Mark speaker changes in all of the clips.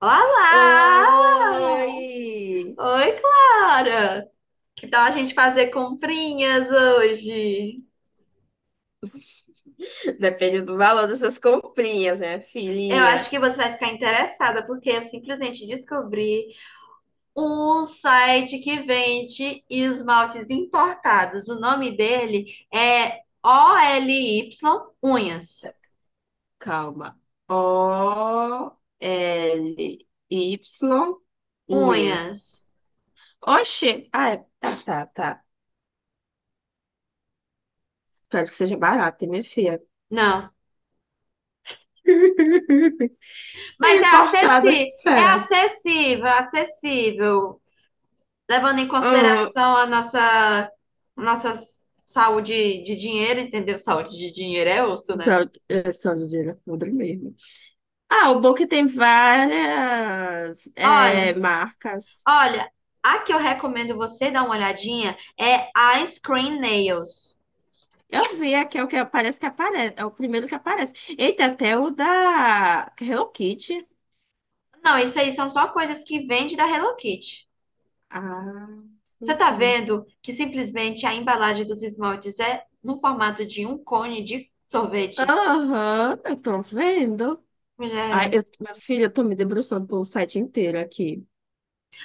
Speaker 1: Olá!
Speaker 2: Oi!
Speaker 1: Oi, Clara! Que tal a gente fazer comprinhas hoje?
Speaker 2: Depende do valor dessas comprinhas, né,
Speaker 1: Eu acho
Speaker 2: filhinha?
Speaker 1: que você vai ficar interessada, porque eu simplesmente descobri um site que vende esmaltes importados. O nome dele é O L Y Unhas.
Speaker 2: Tá, calma. OLY,
Speaker 1: Unhas.
Speaker 2: unhas. Oxê! Ah, é. Tá, tá, tá. Espero que seja barato, hein, minha filha?
Speaker 1: Não.
Speaker 2: É
Speaker 1: Mas
Speaker 2: importado, o que
Speaker 1: é
Speaker 2: será?
Speaker 1: acessível, acessível. Levando em
Speaker 2: Hum,
Speaker 1: consideração a nossa saúde de dinheiro, entendeu? Saúde de dinheiro é osso,
Speaker 2: só,
Speaker 1: né?
Speaker 2: é só de dinheiro podre mesmo. Ah, o bom é que tem várias
Speaker 1: Olha,
Speaker 2: marcas.
Speaker 1: olha, a que eu recomendo você dar uma olhadinha é a Screen Nails.
Speaker 2: Eu vi aqui, é o que aparece. É o primeiro que aparece. Eita, até o da Hello Kitty.
Speaker 1: Não, isso aí são só coisas que vende da Hello Kitty.
Speaker 2: Ah,
Speaker 1: Você tá
Speaker 2: entendi.
Speaker 1: vendo que simplesmente a embalagem dos esmaltes é no formato de um cone de sorvete?
Speaker 2: Aham, eu tô vendo. Ai,
Speaker 1: Mulher.
Speaker 2: minha filha, eu tô me debruçando pelo site inteiro aqui.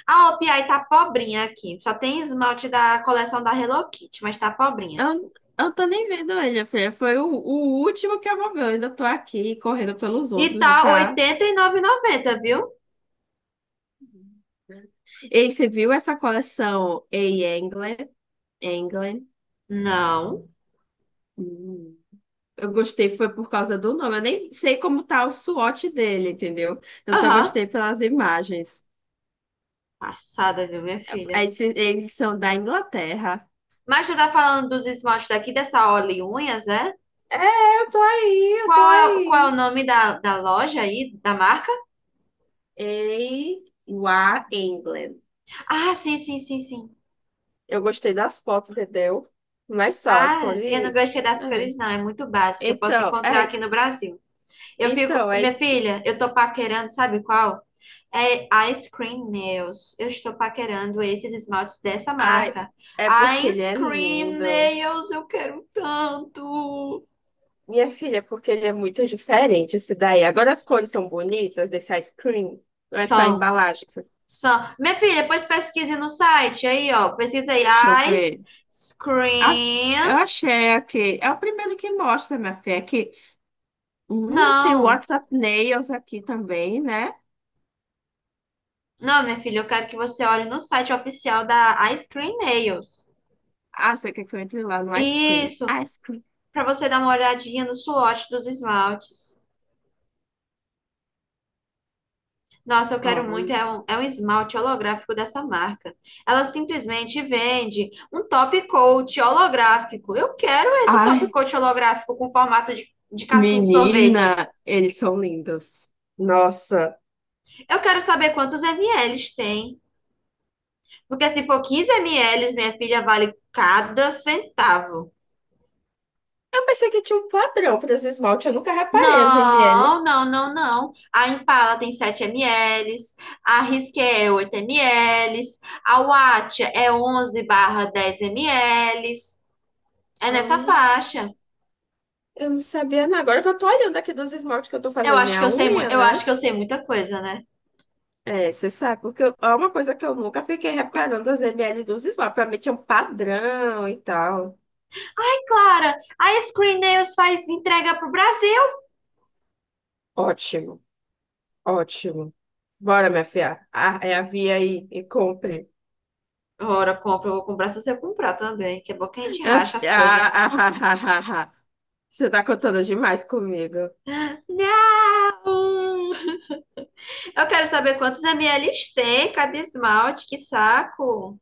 Speaker 1: A OPI tá pobrinha aqui. Só tem esmalte da coleção da Hello Kitty, mas tá pobrinha.
Speaker 2: Eu, eu tô nem vendo ele, minha filha. Foi o último que eu vou ver. Eu ainda tô aqui correndo pelos
Speaker 1: E
Speaker 2: outros e
Speaker 1: tá
Speaker 2: tá.
Speaker 1: 89,90, viu?
Speaker 2: Ei, você viu essa coleção A England? England?
Speaker 1: Não.
Speaker 2: Hum. Eu gostei foi por causa do nome. Eu nem sei como tá o SWOT dele, entendeu? Eu só
Speaker 1: Aham.
Speaker 2: gostei pelas imagens.
Speaker 1: Passada, viu, minha filha?
Speaker 2: Eles são da Inglaterra.
Speaker 1: Mas tu tá falando dos esmaltes daqui, dessa Olé Unhas, é?
Speaker 2: É, eu tô aí, eu tô
Speaker 1: Qual é o
Speaker 2: aí.
Speaker 1: nome da loja aí, da marca?
Speaker 2: A U A England.
Speaker 1: Ah, sim, sim, sim, sim.
Speaker 2: Eu gostei das fotos, entendeu? Mas só as
Speaker 1: Ah, eu não gostei
Speaker 2: cores.
Speaker 1: das
Speaker 2: É.
Speaker 1: cores, não. É muito básica. Eu posso
Speaker 2: Então,
Speaker 1: encontrar
Speaker 2: é,
Speaker 1: aqui no Brasil. Eu fico,
Speaker 2: então,
Speaker 1: minha filha, eu tô paquerando, sabe qual? É Ice Cream Nails. Eu estou paquerando esses esmaltes dessa
Speaker 2: ai,
Speaker 1: marca.
Speaker 2: é porque ele
Speaker 1: Ice
Speaker 2: é
Speaker 1: Cream
Speaker 2: lindo.
Speaker 1: Nails, eu quero tanto.
Speaker 2: Minha filha, porque ele é muito diferente esse daí. Agora as cores são bonitas desse ice cream. Não é só a
Speaker 1: São,
Speaker 2: embalagem.
Speaker 1: são. Minha filha, depois pesquise no site aí, ó. Pesquisa
Speaker 2: Deixa eu
Speaker 1: aí
Speaker 2: ver.
Speaker 1: Ice
Speaker 2: Ah, eu
Speaker 1: Cream.
Speaker 2: achei aqui. É o primeiro que mostra, minha filha. Aqui. Tem o
Speaker 1: Não,
Speaker 2: WhatsApp Nails aqui também, né?
Speaker 1: não, minha filha, eu quero que você olhe no site oficial da Ice Cream Nails.
Speaker 2: Ah, você quer que eu entre lá no ice cream?
Speaker 1: Isso,
Speaker 2: Ice cream.
Speaker 1: para você dar uma olhadinha no swatch dos esmaltes. Nossa, eu
Speaker 2: Ó,
Speaker 1: quero muito, é
Speaker 2: ver.
Speaker 1: um, é um esmalte holográfico dessa marca. Ela simplesmente vende um top coat holográfico. Eu quero esse top
Speaker 2: Ai,
Speaker 1: coat holográfico com formato de casquinha de sorvete.
Speaker 2: menina, eles são lindos. Nossa.
Speaker 1: Eu quero saber quantos ml tem. Porque se for 15 ml, minha filha, vale cada centavo.
Speaker 2: Eu pensei que tinha um padrão para esse esmalte. Eu nunca reparei as ML.
Speaker 1: Não, não, não, não. A Impala tem 7 ml, a Risqué é 8 ml, a Wattia é 11 barra 10 ml. É nessa
Speaker 2: Ah,
Speaker 1: faixa.
Speaker 2: eu não sabia, não. Agora que eu tô olhando aqui dos esmaltes que eu tô
Speaker 1: Eu
Speaker 2: fazendo
Speaker 1: acho que
Speaker 2: minha
Speaker 1: eu sei, mu-
Speaker 2: unha,
Speaker 1: eu acho
Speaker 2: né?
Speaker 1: que eu sei muita coisa, né?
Speaker 2: É, você sabe, porque é uma coisa que eu nunca fiquei reparando as ml dos esmaltes. Pra mim tinha um padrão e tal.
Speaker 1: E Clara, a Screen Nails faz entrega pro Brasil.
Speaker 2: Ótimo, ótimo. Bora, minha filha. Ah, é a via aí e compre.
Speaker 1: Ora, compra, eu vou comprar se você comprar também, que é bom que a gente racha as
Speaker 2: Ah,
Speaker 1: coisas.
Speaker 2: ah, ah, ah, ah, ah, ah. Você tá contando demais comigo.
Speaker 1: Não! Eu quero saber quantos ml tem cada esmalte, que saco.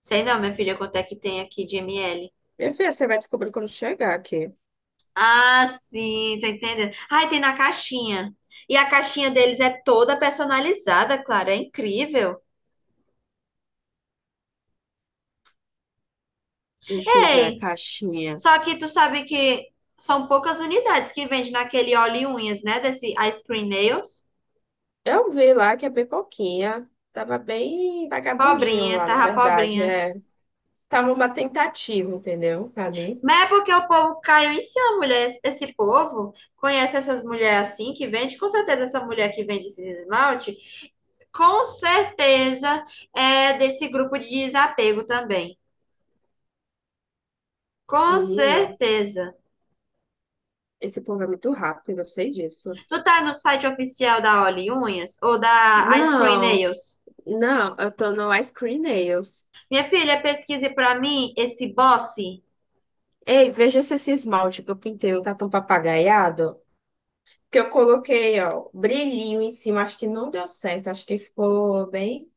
Speaker 1: Sei não, minha filha, quanto é que tem aqui de ml.
Speaker 2: Minha filha, você vai descobrir quando chegar aqui.
Speaker 1: Ah, sim, tô entendendo. Ai, tem na caixinha. E a caixinha deles é toda personalizada, Clara, é incrível.
Speaker 2: Deixa eu ver a
Speaker 1: Ei!
Speaker 2: caixinha.
Speaker 1: Só que tu sabe que são poucas unidades que vende naquele óleo e unhas, né? Desse Ice Cream Nails.
Speaker 2: Eu vi lá que é bem pouquinha. Tava bem vagabundinho
Speaker 1: Pobrinha,
Speaker 2: lá, na
Speaker 1: tava
Speaker 2: verdade.
Speaker 1: pobrinha.
Speaker 2: É. Tava uma tentativa, entendeu? Ali.
Speaker 1: Mas é porque o povo caiu em cima, mulher. Esse povo conhece essas mulheres assim que vende. Com certeza, essa mulher que vende esses esmalte, com certeza é desse grupo de desapego também. Com
Speaker 2: Menina,
Speaker 1: certeza.
Speaker 2: esse povo é muito rápido, eu sei disso.
Speaker 1: Tu tá no site oficial da Oli Unhas ou da Ice Cream
Speaker 2: Não,
Speaker 1: Nails?
Speaker 2: não, eu tô no Ice Cream Nails.
Speaker 1: Minha filha, pesquise pra mim esse Boss.
Speaker 2: Ei, veja se esse esmalte que eu pintei não tá tão papagaiado. Que eu coloquei, ó, brilhinho em cima, acho que não deu certo, acho que ficou bem.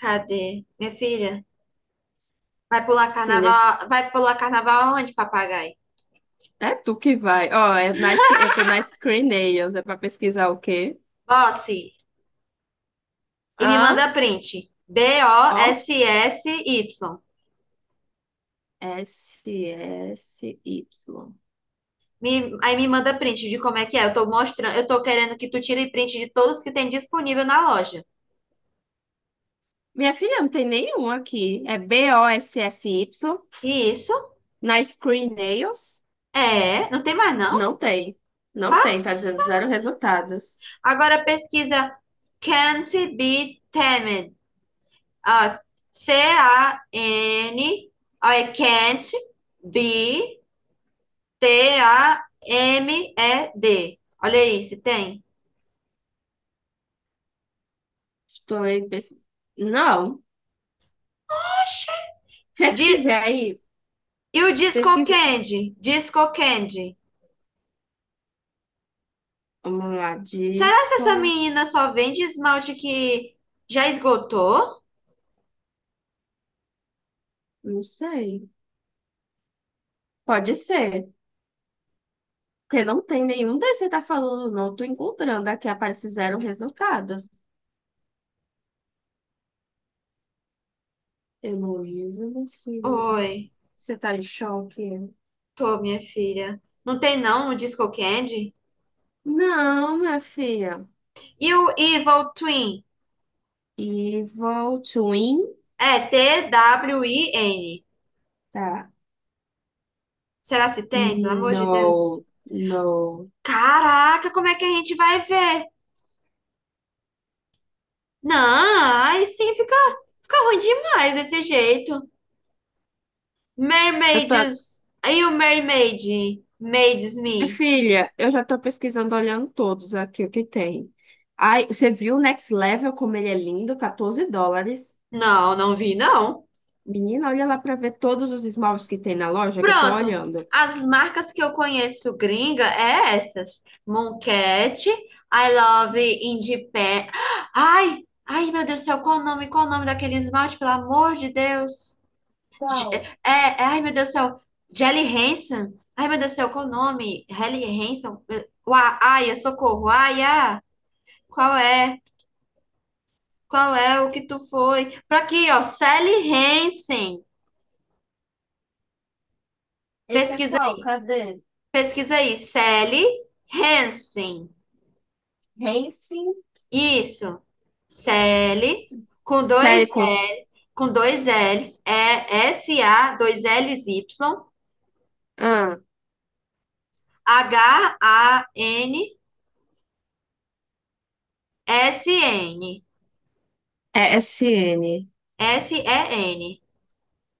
Speaker 1: Cadê? Minha filha,
Speaker 2: Sim,
Speaker 1: vai pular carnaval aonde, papagaio?
Speaker 2: é tu que vai. Ó, é nice, eu tô na Ice Cream Nails, é pra pesquisar o quê?
Speaker 1: Bosse, e me
Speaker 2: Ah,
Speaker 1: manda print.
Speaker 2: off,
Speaker 1: B-O-S-S-Y.
Speaker 2: S, S, Y.
Speaker 1: Aí me manda print de como é que é. Eu tô mostrando, eu tô querendo que tu tire print de todos que tem disponível na loja.
Speaker 2: Minha filha, não tem nenhum aqui. É Bossy.
Speaker 1: E isso?
Speaker 2: Na Screen Nails,
Speaker 1: É, não tem mais não?
Speaker 2: não tem. Não tem, tá dizendo
Speaker 1: Nossa.
Speaker 2: zero resultados.
Speaker 1: Agora pesquisa Can't be tamed. Ó, C-A-N, ó, é can't be T-A-M-E-D. Olha aí, se tem.
Speaker 2: Estou aí. Não.
Speaker 1: De
Speaker 2: Pesquisei aí.
Speaker 1: E o Disco
Speaker 2: Pesquisa.
Speaker 1: Candy? Disco Candy.
Speaker 2: Vamos lá,
Speaker 1: Será que essa
Speaker 2: disco.
Speaker 1: menina só vende esmalte que já esgotou?
Speaker 2: Não sei. Pode ser. Porque não tem nenhum desses que você tá falando, não. Tô encontrando aqui, aparece zero resultados. Heloísa, meu filho.
Speaker 1: Oi,
Speaker 2: Você tá em choque?
Speaker 1: tô, minha filha. Não tem não o Disco Candy?
Speaker 2: Não, minha filha.
Speaker 1: E o Evil Twin?
Speaker 2: Evil Twin.
Speaker 1: É T-W-I-N.
Speaker 2: Tá.
Speaker 1: Será se tem? Pelo amor de Deus.
Speaker 2: Não, não.
Speaker 1: Caraca, como é que a gente vai ver? Não, aí sim fica ruim demais desse jeito.
Speaker 2: Eu tô...
Speaker 1: Mermaids. Aí o Mermaid. Maids
Speaker 2: Minha
Speaker 1: Me.
Speaker 2: filha, eu já tô pesquisando, olhando todos aqui o que tem. Ai, você viu o Next Level, como ele é lindo? 14 dólares.
Speaker 1: Não, não vi, não.
Speaker 2: Menina, olha lá pra ver todos os esmaltes que tem na loja que eu tô
Speaker 1: Pronto.
Speaker 2: olhando.
Speaker 1: As marcas que eu conheço gringa é essas. Mooncat, I Love Independent. Ai, ai, meu Deus do céu, qual o nome? Qual o nome daquele esmalte, pelo amor de Deus? Je-
Speaker 2: Qual?
Speaker 1: ai, meu Deus do céu, Jelly Hansen. Ai, meu Deus do céu, qual o nome? Helly Hansen. Ai, socorro. Ai, ah, qual é? Qual é o que tu foi? Pra aqui, ó, Sally Hansen.
Speaker 2: Esse é
Speaker 1: Pesquisa
Speaker 2: qual?
Speaker 1: aí.
Speaker 2: Cadê?
Speaker 1: Pesquisa aí. Sally Hansen.
Speaker 2: Hansen?
Speaker 1: Isso. Sally com
Speaker 2: Série
Speaker 1: dois
Speaker 2: com,
Speaker 1: L, com dois L's, é S A, dois L's Y,
Speaker 2: ah,
Speaker 1: H A N S N.
Speaker 2: é SN.
Speaker 1: S E N.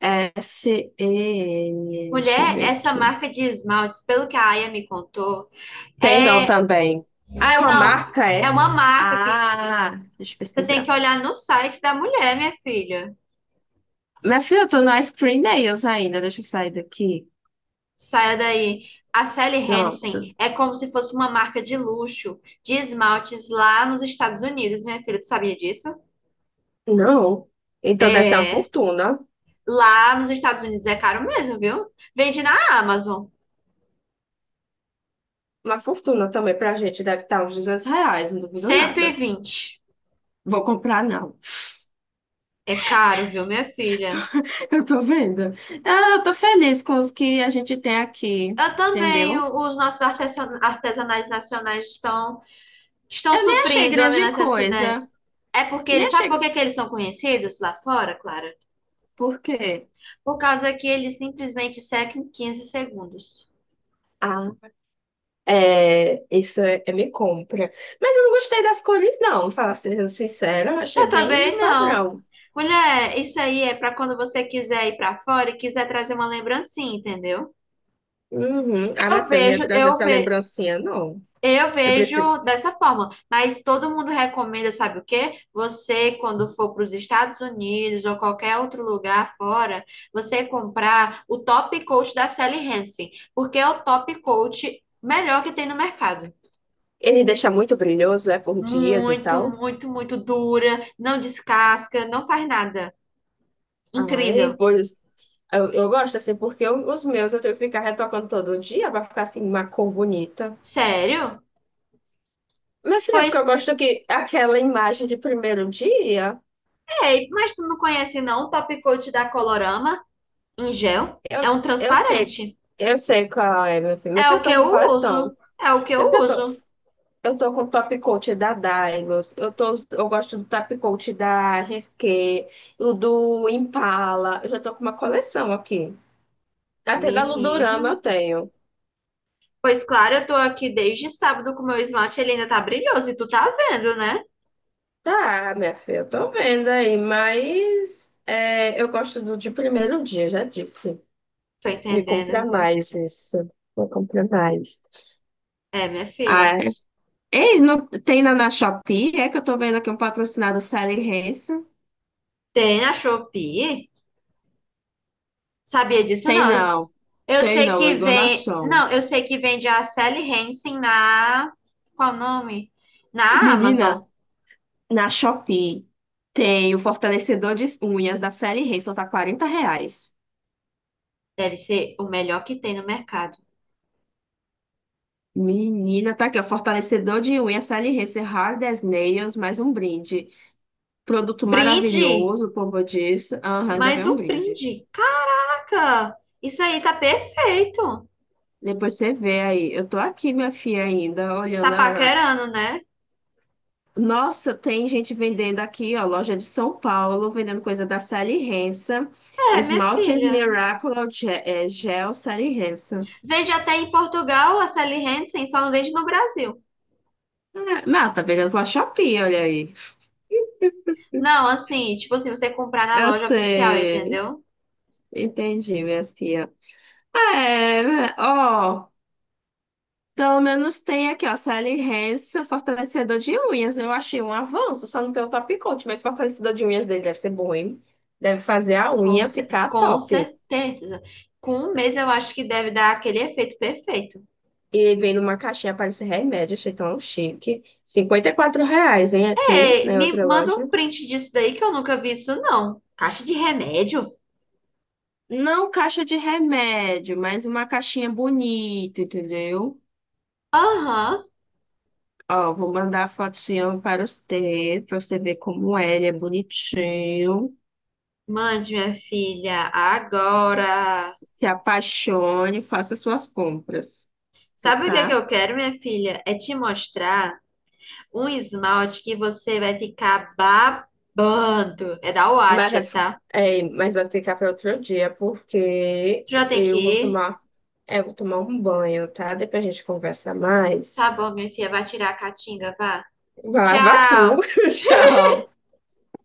Speaker 2: É SN. Deixa eu
Speaker 1: Mulher,
Speaker 2: ver
Speaker 1: essa
Speaker 2: aqui.
Speaker 1: marca de esmaltes, pelo que a Aya me contou,
Speaker 2: Tem não
Speaker 1: é,
Speaker 2: também. Ah, é uma
Speaker 1: não,
Speaker 2: marca,
Speaker 1: é
Speaker 2: é?
Speaker 1: uma marca que.
Speaker 2: Ah, deixa eu
Speaker 1: Você tem que
Speaker 2: pesquisar.
Speaker 1: olhar no site da mulher, minha filha.
Speaker 2: Minha filha, eu tô no Ice Cream Nails ainda. Deixa eu sair daqui.
Speaker 1: Saia daí. A Sally Hansen
Speaker 2: Pronto.
Speaker 1: é como se fosse uma marca de luxo de esmaltes lá nos Estados Unidos, minha filha. Tu sabia disso?
Speaker 2: Não. Então deve ser uma
Speaker 1: É.
Speaker 2: fortuna.
Speaker 1: Lá nos Estados Unidos é caro mesmo, viu? Vende na Amazon.
Speaker 2: Uma fortuna também pra gente. Deve estar uns 200 reais, não duvido
Speaker 1: Cento e
Speaker 2: nada.
Speaker 1: vinte.
Speaker 2: Vou comprar, não.
Speaker 1: É caro, viu, minha filha?
Speaker 2: Eu tô vendo. Ah, eu tô feliz com os que a gente tem aqui.
Speaker 1: Eu também,
Speaker 2: Entendeu?
Speaker 1: os nossos artesanais nacionais estão,
Speaker 2: Eu nem achei
Speaker 1: suprindo a minha
Speaker 2: grande
Speaker 1: necessidade.
Speaker 2: coisa.
Speaker 1: É porque
Speaker 2: Nem
Speaker 1: eles, sabe por
Speaker 2: achei.
Speaker 1: que que eles são conhecidos lá fora, Clara?
Speaker 2: Por quê?
Speaker 1: Por causa que ele simplesmente seca em 15 segundos.
Speaker 2: Ah, é, isso é me compra. Mas eu não gostei das cores, não. Falar sendo sincera, achei
Speaker 1: Eu também
Speaker 2: bem
Speaker 1: não.
Speaker 2: padrão.
Speaker 1: Mulher, isso aí é para quando você quiser ir para fora e quiser trazer uma lembrancinha, entendeu?
Speaker 2: Uhum. Ah, minha
Speaker 1: Eu
Speaker 2: filha, não ia
Speaker 1: vejo,
Speaker 2: trazer
Speaker 1: eu
Speaker 2: essa
Speaker 1: ve,
Speaker 2: lembrancinha, não.
Speaker 1: eu
Speaker 2: Eu prefiro.
Speaker 1: vejo dessa forma, mas todo mundo recomenda, sabe o quê? Você, quando for para os Estados Unidos ou qualquer outro lugar fora, você comprar o top coat da Sally Hansen, porque é o top coat melhor que tem no mercado.
Speaker 2: Ele deixa muito brilhoso, é por dias e
Speaker 1: Muito,
Speaker 2: tal.
Speaker 1: muito, muito dura, não descasca, não faz nada. Incrível.
Speaker 2: Ai, pois. Eu gosto assim, porque os meus eu tenho que ficar retocando todo dia pra ficar assim, uma cor bonita.
Speaker 1: Sério?
Speaker 2: Minha filha, é
Speaker 1: Pois,
Speaker 2: porque eu gosto que aquela imagem de primeiro dia,
Speaker 1: ei, mas tu não conhece não o Top Coat da Colorama em gel? É
Speaker 2: eu,
Speaker 1: um
Speaker 2: eu sei,
Speaker 1: transparente.
Speaker 2: eu sei qual é, meu filho. Meu
Speaker 1: É
Speaker 2: filho,
Speaker 1: o
Speaker 2: eu
Speaker 1: que
Speaker 2: tô
Speaker 1: eu
Speaker 2: com
Speaker 1: uso.
Speaker 2: coleção.
Speaker 1: É o que eu
Speaker 2: Meu filho, eu tô,
Speaker 1: uso.
Speaker 2: Eu tô com o top coat da Daigos, eu gosto do top coat da Risqué, o do Impala, eu já tô com uma coleção aqui. Até da
Speaker 1: Menina.
Speaker 2: Ludorama eu tenho.
Speaker 1: Pois claro, eu tô aqui desde sábado com meu esmalte, ele ainda tá brilhoso e tu tá vendo, né?
Speaker 2: Tá, minha filha, eu tô vendo aí, mas eu gosto do de primeiro dia, já disse.
Speaker 1: Tô
Speaker 2: Me
Speaker 1: entendendo,
Speaker 2: compra
Speaker 1: viu?
Speaker 2: mais isso. Vou comprar mais.
Speaker 1: É, minha filha.
Speaker 2: Ah, é? Ei, não tem na Shopee? É que eu tô vendo aqui um patrocinado Sally Hansen.
Speaker 1: Tem na Shopee? Sabia disso
Speaker 2: Tem
Speaker 1: não.
Speaker 2: não,
Speaker 1: Eu
Speaker 2: tem
Speaker 1: sei
Speaker 2: não, é
Speaker 1: que vem.
Speaker 2: enganação.
Speaker 1: Não, eu sei que vende a Sally Hansen na. Qual o nome? Na Amazon.
Speaker 2: Menina, na Shopee tem o fortalecedor de unhas da Sally Hansen, tá 40 reais.
Speaker 1: Deve ser o melhor que tem no mercado.
Speaker 2: Menina, tá aqui, ó, fortalecedor de unhas Sally Hansen Hard as Nails, mais um brinde. Produto
Speaker 1: Brinde!
Speaker 2: maravilhoso, como eu disse. Aham, ainda vem
Speaker 1: Mais
Speaker 2: um
Speaker 1: um
Speaker 2: brinde.
Speaker 1: brinde! caca, Isso aí tá perfeito!
Speaker 2: Depois você vê aí. Eu tô aqui, minha filha, ainda,
Speaker 1: Tá
Speaker 2: olhando.
Speaker 1: paquerando, né?
Speaker 2: Nossa, tem gente vendendo aqui, ó, loja de São Paulo, vendendo coisa da Sally Hansen.
Speaker 1: É, minha
Speaker 2: Esmaltes
Speaker 1: filha.
Speaker 2: Miracle Gel, Gel Sally Hansen.
Speaker 1: Vende até em Portugal a Sally Hansen, só não vende no Brasil.
Speaker 2: Ah, não, tá vendendo pra Shopee, olha aí.
Speaker 1: Não, assim, tipo assim, você comprar na
Speaker 2: Eu
Speaker 1: loja oficial,
Speaker 2: sei.
Speaker 1: entendeu?
Speaker 2: Entendi, minha filha. Ah, é, né, ó. Pelo menos tem aqui, ó. Sally Hansen, fortalecedor de unhas. Eu achei um avanço, só não tem o top coat, mas fortalecedor de unhas dele deve ser bom, hein? Deve fazer a
Speaker 1: Com,
Speaker 2: unha
Speaker 1: cer-
Speaker 2: ficar
Speaker 1: com
Speaker 2: top.
Speaker 1: certeza. Com um mês eu acho que deve dar aquele efeito perfeito.
Speaker 2: E vem numa caixinha, parece remédio, achei tão chique. 54 reais, hein, aqui,
Speaker 1: Ei,
Speaker 2: na
Speaker 1: me
Speaker 2: outra
Speaker 1: manda
Speaker 2: loja.
Speaker 1: um print disso daí que eu nunca vi isso, não. Caixa de remédio?
Speaker 2: Não caixa de remédio, mas uma caixinha bonita, entendeu?
Speaker 1: Aham.
Speaker 2: Ó, vou mandar a fotinho para você ver como é, ele é bonitinho.
Speaker 1: Mande, minha filha, agora.
Speaker 2: Se apaixone, faça suas compras,
Speaker 1: Sabe o que é que
Speaker 2: tá?
Speaker 1: eu quero, minha filha? É te mostrar um esmalte que você vai ficar babando. É da
Speaker 2: Mas
Speaker 1: Wattia,
Speaker 2: vai, fi-
Speaker 1: tá?
Speaker 2: mas vai ficar para outro dia,
Speaker 1: Tu
Speaker 2: porque
Speaker 1: já tem que
Speaker 2: eu vou
Speaker 1: ir?
Speaker 2: tomar, é, eu vou tomar um banho, tá? Depois a gente conversa
Speaker 1: Tá
Speaker 2: mais.
Speaker 1: bom, minha filha, vai tirar a catinga, vá.
Speaker 2: Vai lavar tudo,
Speaker 1: Tchau!
Speaker 2: tchau.